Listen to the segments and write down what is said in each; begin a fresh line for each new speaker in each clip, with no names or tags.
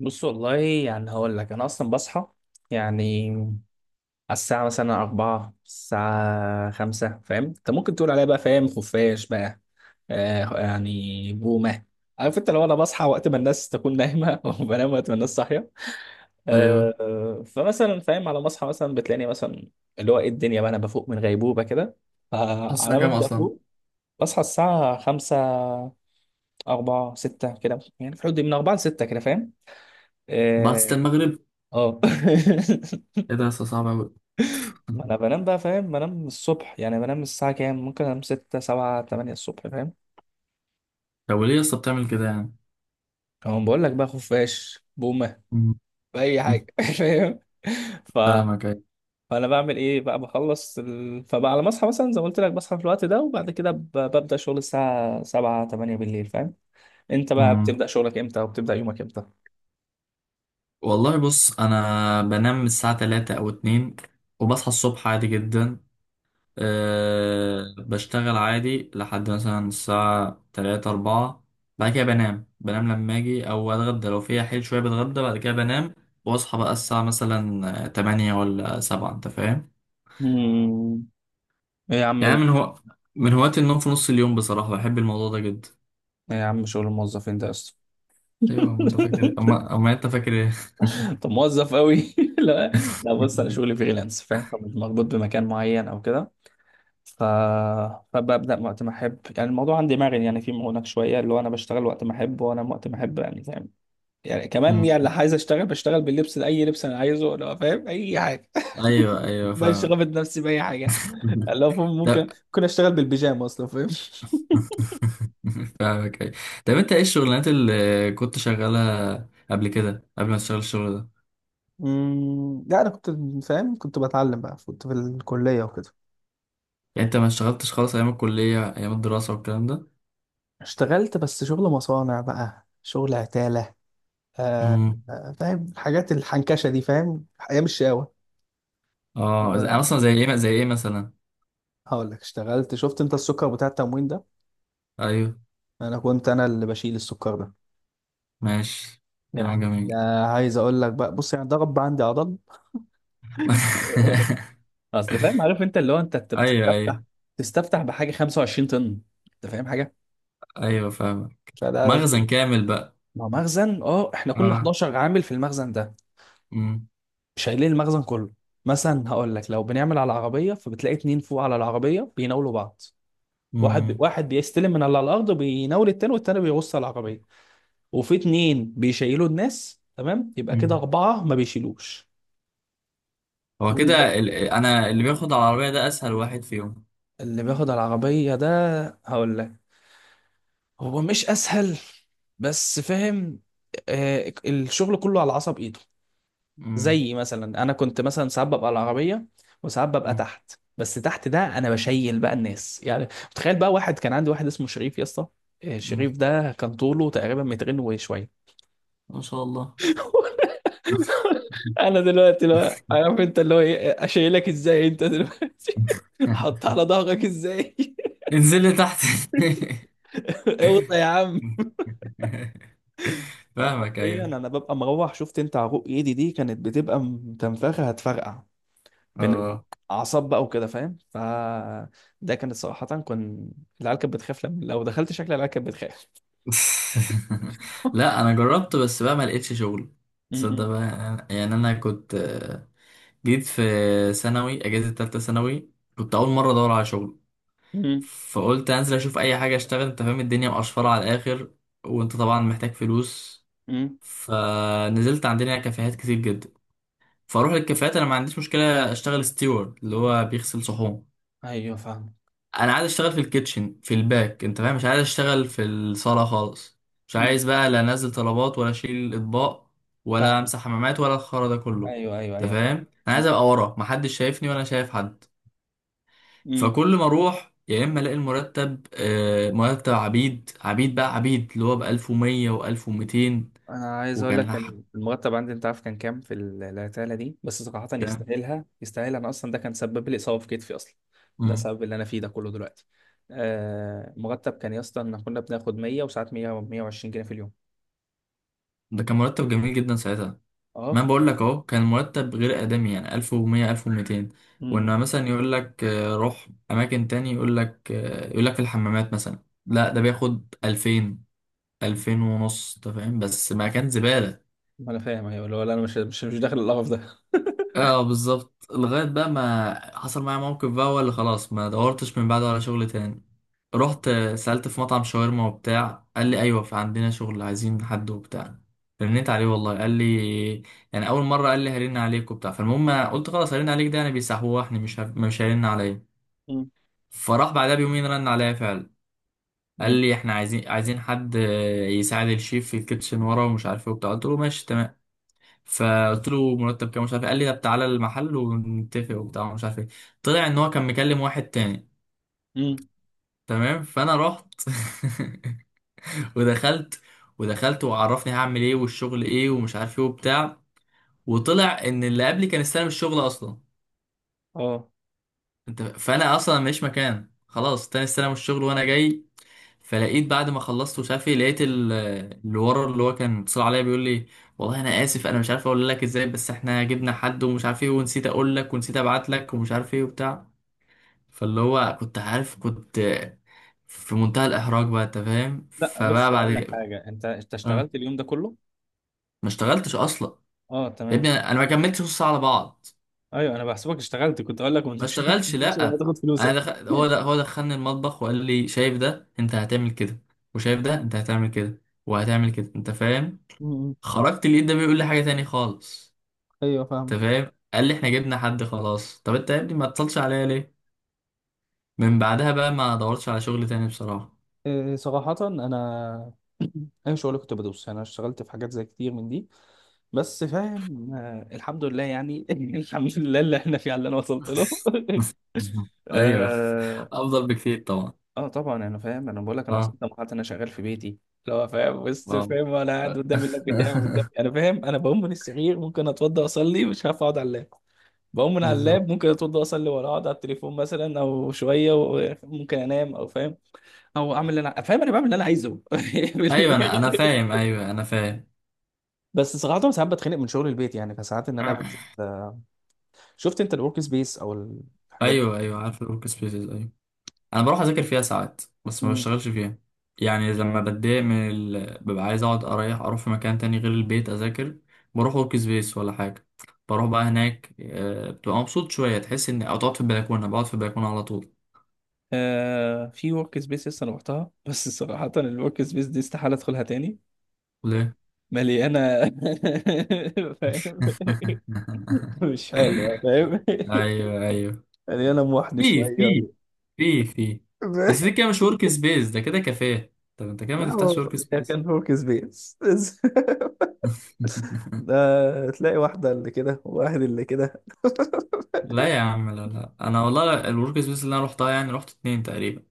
بص والله يعني هقول لك انا اصلا بصحى، يعني على الساعه مثلا 4 الساعه 5، فاهم؟ انت ممكن تقول عليا بقى فاهم خفاش بقى، آه يعني بومه. عارف انت؟ لو انا بصحى وقت ما الناس تكون نايمه وبنام وقت ما الناس صاحيه.
ايوه.
آه آه، فمثلا فاهم، على ما اصحى مثلا بتلاقيني مثلا اللي هو ايه الدنيا بقى، انا بفوق من غيبوبه كده.
حاسس
فعلى ما
كام
ابدا
اصلا؟
افوق بصحى الساعه 5، 4، 6 كده، يعني في الحدود دي من 4 ل 6 كده، فاهم؟
بعد ستة
اه.
المغرب؟
آه.
ايه ده يا اسطى، صعب اوي.
ما انا بنام بقى، فاهم؟ بنام الصبح، يعني بنام الساعة كام؟ ممكن انام ستة سبعة تمانية الصبح، فاهم؟
طب وليه يا اسطى بتعمل كده يعني؟
اهو بقول لك بقى، خفاش، بومة،
مم.
بأي
مم.
حاجة فاهم. ف...
فاهمك، ايوه.
فانا بعمل ايه بقى؟ بخلص فبقى على ما اصحى مثلا زي ما قلت لك، بصحى في الوقت ده وبعد كده ببدأ شغل الساعة سبعة تمانية بالليل، فاهم؟ انت بقى
مم.
بتبدأ شغلك امتى وبتبدأ يومك امتى؟
والله بص، انا بنام الساعه 3 او 2، وبصحى الصبح عادي جدا. أه، بشتغل عادي لحد مثلا الساعه 3 4. بعد كده بنام، بنام لما اجي او اتغدى، لو فيها حيل شويه بتغدى بعد كده بنام. واصحى بقى الساعه مثلا 8 ولا 7، انت فاهم؟
مم. ايه يا عم
يعني
ال-
أنا من هو من هواة النوم في نص اليوم بصراحة، بحب الموضوع ده جدا.
ايه يا عم، شغل الموظفين ده اصلا؟
أيوة، ما أنت فاكر إيه؟ أما أنت فاكر إيه.
انت موظف قوي؟ لا. لا بص، انا شغلي فريلانس، فاهم؟ فمش مربوط بمكان معين او كده. ف... فببدأ وقت ما أحب، يعني الموضوع عندي مرن، يعني في هناك شوية اللي هو أنا بشتغل وقت ما أحب وأنام وقت ما أحب، يعني فاهم؟ يعني كمان
مم.
يعني اللي عايز أشتغل بشتغل، باللبس أي لبس أنا عايزه، لو فاهم أي حاجة
أيوة، أيوه
مش
فاهمك.
غامض نفسي بأي حاجة. اللي هو فاهم، ممكن
لا،
ممكن أشتغل بالبيجامة أصلا، فاهم؟
فاهمك أيوة. طب أنت إيه الشغلانات اللي كنت شغالها قبل كده، قبل ما تشتغل الشغل ده؟
لا أنا كنت، فاهم كنت بتعلم بقى، كنت في الكلية وكده.
يعني أنت ما اشتغلتش خالص أيام الكلية، أيام الدراسة والكلام ده؟
اشتغلت بس شغل مصانع بقى، شغل عتالة. آه.
مم.
آه، فاهم الحاجات الحنكشة دي، فاهم؟ أيام الشقاوة.
أه مثلا زي إيه مثلا.
هقول لك، اشتغلت، شفت انت السكر بتاع التموين ده؟
أيوه.
انا كنت، انا اللي بشيل السكر ده،
ماشي،
يعني.
كلام جميل.
ده عايز اقول لك بقى، بص يعني ده رب عندي عضل اصل فاهم، عارف انت اللي هو أنت
ايوه
بتستفتح،
ايوه
تستفتح بحاجه 25 طن، انت فاهم حاجه؟
ايوه فاهمك.
فده،
مخزن كامل بقى.
ما هو مخزن، اه، احنا كنا
اه.
11 عامل في المخزن ده، شايلين المخزن كله. مثلا هقول لك لو بنعمل على العربيه، فبتلاقي اتنين فوق على العربيه بيناولوا بعض. واحد
مم.
واحد بيستلم من على الارض بيناول التاني، والتاني بيغص على العربيه. وفي اتنين بيشيلوا الناس، تمام؟ يبقى كده
مم.
أربعة ما بيشيلوش.
هو
قول
كده
بقى.
انا اللي بياخد على العربية ده اسهل واحد فيهم.
اللي بياخد العربية ده، هقول لك، هو مش أسهل، بس فاهم، آه، الشغل كله على عصب إيده.
مم.
زي مثلا أنا كنت مثلا ساعات ببقى على العربية وساعات ببقى
مم.
تحت، بس تحت ده أنا بشيل بقى الناس، يعني متخيل بقى، واحد كان عندي واحد اسمه شريف يا اسطى. آه،
مم.
شريف ده كان طوله تقريبا مترين وشوية.
ما شاء الله.
انا دلوقتي لا، عارف انت اللي هو ايه؟ اشيلك ازاي انت دلوقتي؟ حط على ظهرك ازاي؟
انزل لي تحت.
اوطى يا عم.
فاهمك
حرفيا
ايوه.
انا ببقى مروح، شفت انت عروق ايدي دي كانت بتبقى متنفخه هتفرقع من
اه.
الاعصاب بقى وكده، فاهم؟ ده كانت صراحه، كان العيال كانت بتخاف لما لو دخلت، شكل العيال كانت بتخاف.
لا انا جربت بس بقى ما لقيتش شغل. تصدق
م-
بقى، يعني انا كنت جيت في ثانوي، اجازه ثالثه ثانوي، كنت اول مره ادور على شغل.
م- م-
فقلت انزل اشوف اي حاجه اشتغل، انت فاهم الدنيا مقشفره على الاخر، وانت طبعا محتاج فلوس.
م.
فنزلت، عندنا كافيهات كتير جدا. فاروح للكافيهات، انا ما عنديش مشكله اشتغل ستيوارد اللي هو بيغسل صحون.
ايوه فاهم.
انا عايز اشتغل في الكيتشن في الباك، انت فاهم، مش عايز اشتغل في الصاله خالص. مش
م.
عايز بقى لا انزل طلبات ولا اشيل اطباق ولا
فاهم،
امسح حمامات ولا الخرا ده كله.
ايوه ايوه
انت
ايوه، فاهم.
فاهم، انا عايز ابقى ورا محدش شايفني ولا أنا شايف حد. فكل ما اروح يا اما الاقي المرتب مرتب عبيد، عبيد بقى عبيد، اللي هو ب 1100 و1200.
انا عايز اقول
وكان
لك
لح-
كان المرتب عندي، انت عارف كان كام؟ في العتاله دي، بس صراحه
كان.
يستاهلها يستاهلها، انا اصلا ده كان سبب لي اصابه في كتفي اصلا. ده
مم.
سبب اللي انا فيه ده كله دلوقتي. آه، مرتب كان يا اسطى، ان كنا بناخد 100، وساعات 100، 120 جنيه في اليوم.
ده كان مرتب جميل جدا ساعتها. ما
اه.
أنا بقول لك اهو، كان مرتب غير ادمي يعني 1100 1200.
امم
وان مثلا يقول لك روح اماكن تاني، يقول لك يقول لك في الحمامات مثلا، لا ده بياخد 2000، 2000 ونص، انت فاهم، بس ما كان زبالة.
ما انا فاهم، ايوه، اللي هو لا، انا مش داخل القرف ده.
اه، بالظبط. لغاية بقى ما حصل معايا موقف بقى هو اللي خلاص ما دورتش من بعده على شغل تاني. رحت سألت في مطعم شاورما وبتاع، قال لي ايوه في عندنا شغل عايزين حد وبتاع. رنيت عليه، والله قال لي، يعني اول مرة، قال لي هرن عليك وبتاع. فالمهم قلت خلاص، هرن عليك ده يعني بيسحوحني، مش مش هيرن عليا.
امم.
فراح بعدها بيومين رن عليا فعلا. قال
جميل.
لي احنا عايزين حد يساعد الشيف في الكيتشن ورا ومش عارف ايه وبتاع. قلت له ماشي تمام. فقلت له مرتب كام مش عارف إيه. قال لي طب تعالى المحل ونتفق وبتاع مش عارف ايه. طلع ان هو كان مكلم واحد تاني.
امم.
تمام، فانا رحت. ودخلت ودخلت وعرفني هعمل ايه والشغل ايه ومش عارف ايه وبتاع. وطلع ان اللي قبلي كان استلم الشغل اصلا.
اه،
انت، فانا اصلا ماليش مكان، خلاص تاني استلم الشغل وانا جاي. فلقيت بعد ما خلصت ومش عارف ايه لقيت اللي ورا اللي هو كان اتصل عليا بيقول لي والله انا اسف، انا مش عارف اقول لك ازاي، بس احنا جبنا حد ومش عارف ايه، ونسيت اقول لك ونسيت ابعت لك ومش عارف ايه وبتاع. فاللي هو كنت عارف، كنت في منتهى الاحراج بقى، انت فاهم.
لا
فبقى
بص، اقول لك
بعد.
حاجه، انت
اه.
اشتغلت اليوم ده كله؟
ما اشتغلتش اصلا.
اه،
يا
تمام.
ابني انا ما كملتش نص ساعه على بعض.
ايوه انا بحسبك اشتغلت، كنت اقول لك ما
ما
تمشيش، ما
اشتغلش
تمشيش لما
لا.
تاخد
انا
فلوسك.
هو ده، دخلني المطبخ وقال لي شايف ده انت هتعمل كده، وشايف ده انت هتعمل كده وهتعمل كده، انت فاهم.
امم.
خرجت لقيت ده بيقول لي حاجة تاني خالص،
ايوه،
انت
فاهم.
فاهم. قال لي احنا جبنا حد خلاص. طب انت يا ابني ما اتصلش عليا ليه؟ من بعدها بقى ما دورتش على شغل تاني بصراحة.
إيه، صراحة أنا أي شغل كنت بدوس، يعني أنا اشتغلت في حاجات زي كتير من دي، بس فاهم، آه، الحمد لله يعني الحمد لله اللي إحنا فيه على اللي أنا وصلت له.
مهم. ايوه.
آه.
افضل بكتير طبعا.
آه، طبعا أنا فاهم، أنا بقول لك أنا
اه.
وصلت لمرحلة أنا شغال في بيتي، اللي هو فاهم، بس
اه.
فاهم، أنا قاعد قدام اللاب بتاعي قدام، أنا فاهم، أنا بقوم من السرير ممكن أتوضى أصلي، مش هعرف أقعد على اللاب. بقوم من على
بالظبط.
اللاب ممكن أتوضى أصلي ولا أقعد على التليفون مثلا أو شوية، وممكن أنام أو فاهم، او اعمل اللي انا فاهم، انا بعمل اللي انا عايزه.
ايوه، انا فاهم، ايوه انا فاهم.
بس صراحة ساعات بتخنق من شغل البيت، يعني فساعات ان انا بنزل. شفت انت الورك سبيس او الحاجات دي؟
ايوه ايوه، عارف الورك سبيسز، ايوه. انا بروح اذاكر فيها ساعات بس ما
مم.
بشتغلش فيها. يعني لما بتضايق من ببقى عايز اقعد اريح، اروح في مكان تاني غير البيت اذاكر. بروح ورك سبيس ولا حاجه. بروح بقى هناك بتبقى مبسوط شويه، تحس ان او تقعد في البلكونه، بقعد في البلكونه على طول.
آه، في ورك سبيس لسه انا رحتها بس صراحة الورك سبيس دي استحالة ادخلها تاني.
ليه؟
مليانة. فاهم، مش حلوة، فاهم،
ايوه ايوه
مليانة محن
في
شوية
في في بس دي كده مش ورك سبيس، ده كده كافيه. طب انت كده ما
لا،
تفتحش ورك
هي كان
سبيس.
ورك سبيس ده، تلاقي واحدة اللي كده وواحد اللي كده.
لا يا عم، لا لا، انا والله الورك سبيس اللي انا روحتها يعني روحت اتنين تقريبا.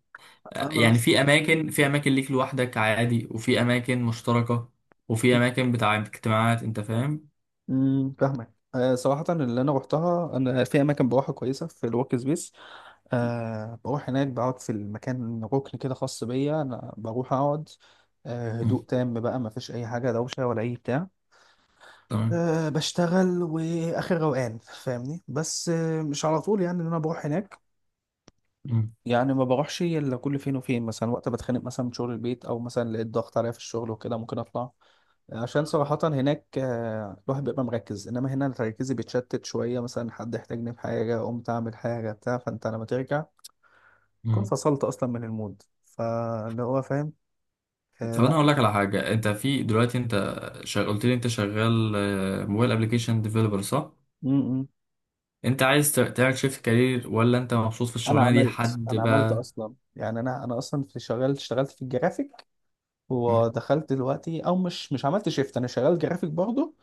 يعني
خلاص.
في اماكن، في اماكن ليك لوحدك عادي، وفي اماكن مشتركه، وفي اماكن بتاع اجتماعات، انت فاهم.
امم. فاهمك، آه، صراحة اللي أنا روحتها، أنا في أماكن بروحها كويسة في الورك سبيس. أه بروح هناك، بقعد في المكان ركن كده خاص بيا، أنا بروح أقعد. أه، هدوء
مم.
تام بقى، ما فيش أي حاجة دوشة ولا أي بتاع.
تمام.
أه بشتغل وآخر روقان، فاهمني؟ بس آه، مش على طول يعني إن أنا بروح هناك.
مم.
يعني ما بروحش إلا كل فين وفين، مثلا وقت بتخانق مثلا من شغل البيت، أو مثلا لقيت ضغط عليا في الشغل وكده، ممكن أطلع. عشان صراحة هناك آه، الواحد بيبقى مركز، انما هنا تركيزي بيتشتت شوية، مثلا حد احتاجني في حاجة قمت اعمل حاجة بتاع، فانت لما ترجع تكون
مم.
فصلت اصلا من المود، فاللي هو فاهم. آه،
طب انا
لا.
هقول لك على حاجه. انت في دلوقتي انت قلت لي انت شغال موبايل ابلكيشن ديفلوبر، صح؟
م -م.
انت عايز تعمل شيفت كارير ولا انت مبسوط في
انا
الشغلانه دي
عملت
لحد
انا عملت
بقى؟
اصلا، يعني انا اصلا في شغال، اشتغلت في الجرافيك.
مم.
ودخلت دلوقتي، او مش عملت شيفت، انا شغال جرافيك برضه.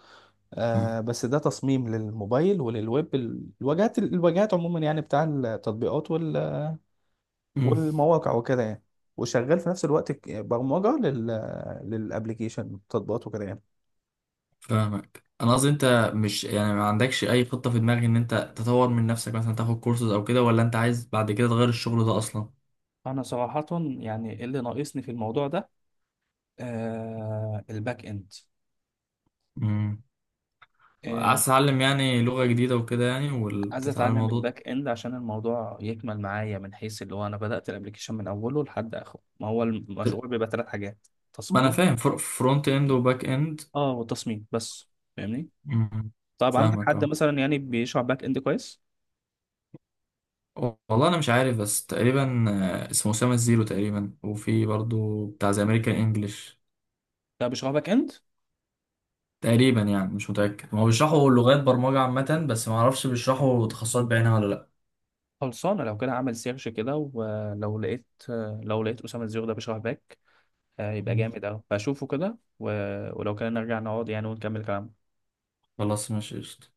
مم.
آه بس ده تصميم للموبايل وللويب، الواجهات عموما يعني، بتاع التطبيقات
مم.
والمواقع وكده يعني. وشغال في نفس الوقت برمجة للابليكيشن التطبيقات وكده يعني.
فاهمك. انا قصدي انت مش يعني ما عندكش اي خطه في دماغك ان انت تطور من نفسك، مثلا تاخد كورسز او كده، ولا انت عايز بعد كده تغير الشغل ده
انا صراحه، يعني إيه اللي ناقصني في الموضوع ده؟ آه، الباك اند.
اصلا؟
آه،
عايز تتعلم يعني لغة جديدة وكده يعني
عايز
وتتعلم
اتعلم
الموضوع
الباك اند عشان الموضوع يكمل معايا من حيث اللي هو، انا بدات الابلكيشن من اوله لحد اخره، ما هو
ده ت-
المشروع بيبقى 3 حاجات،
ما انا
تصميم،
فاهم فرونت اند وباك اند.
اه، والتصميم بس، فاهمني؟
مم.
طب عندك
فاهمك
حد
اه.
مثلا يعني بيشرح باك اند كويس؟
والله انا مش عارف، بس تقريبا اسمه اسامة الزيرو تقريبا، وفي برضو بتاع زي امريكان انجلش
لا، بيشرح باك اند
تقريبا يعني، مش متأكد، ما هو بيشرحوا لغات برمجة عامة، بس ما اعرفش بيشرحوا تخصصات بعينها ولا لا.
خلصانة لو كده، عمل سيرش كده، ولو لقيت، لو لقيت أسامة الزيرو ده بيشرح باك، آه، يبقى
مم.
جامد أوي، فأشوفه كده، ولو كده نرجع نقعد يعني ونكمل كلامنا.
خلاص ماشي، قشطة.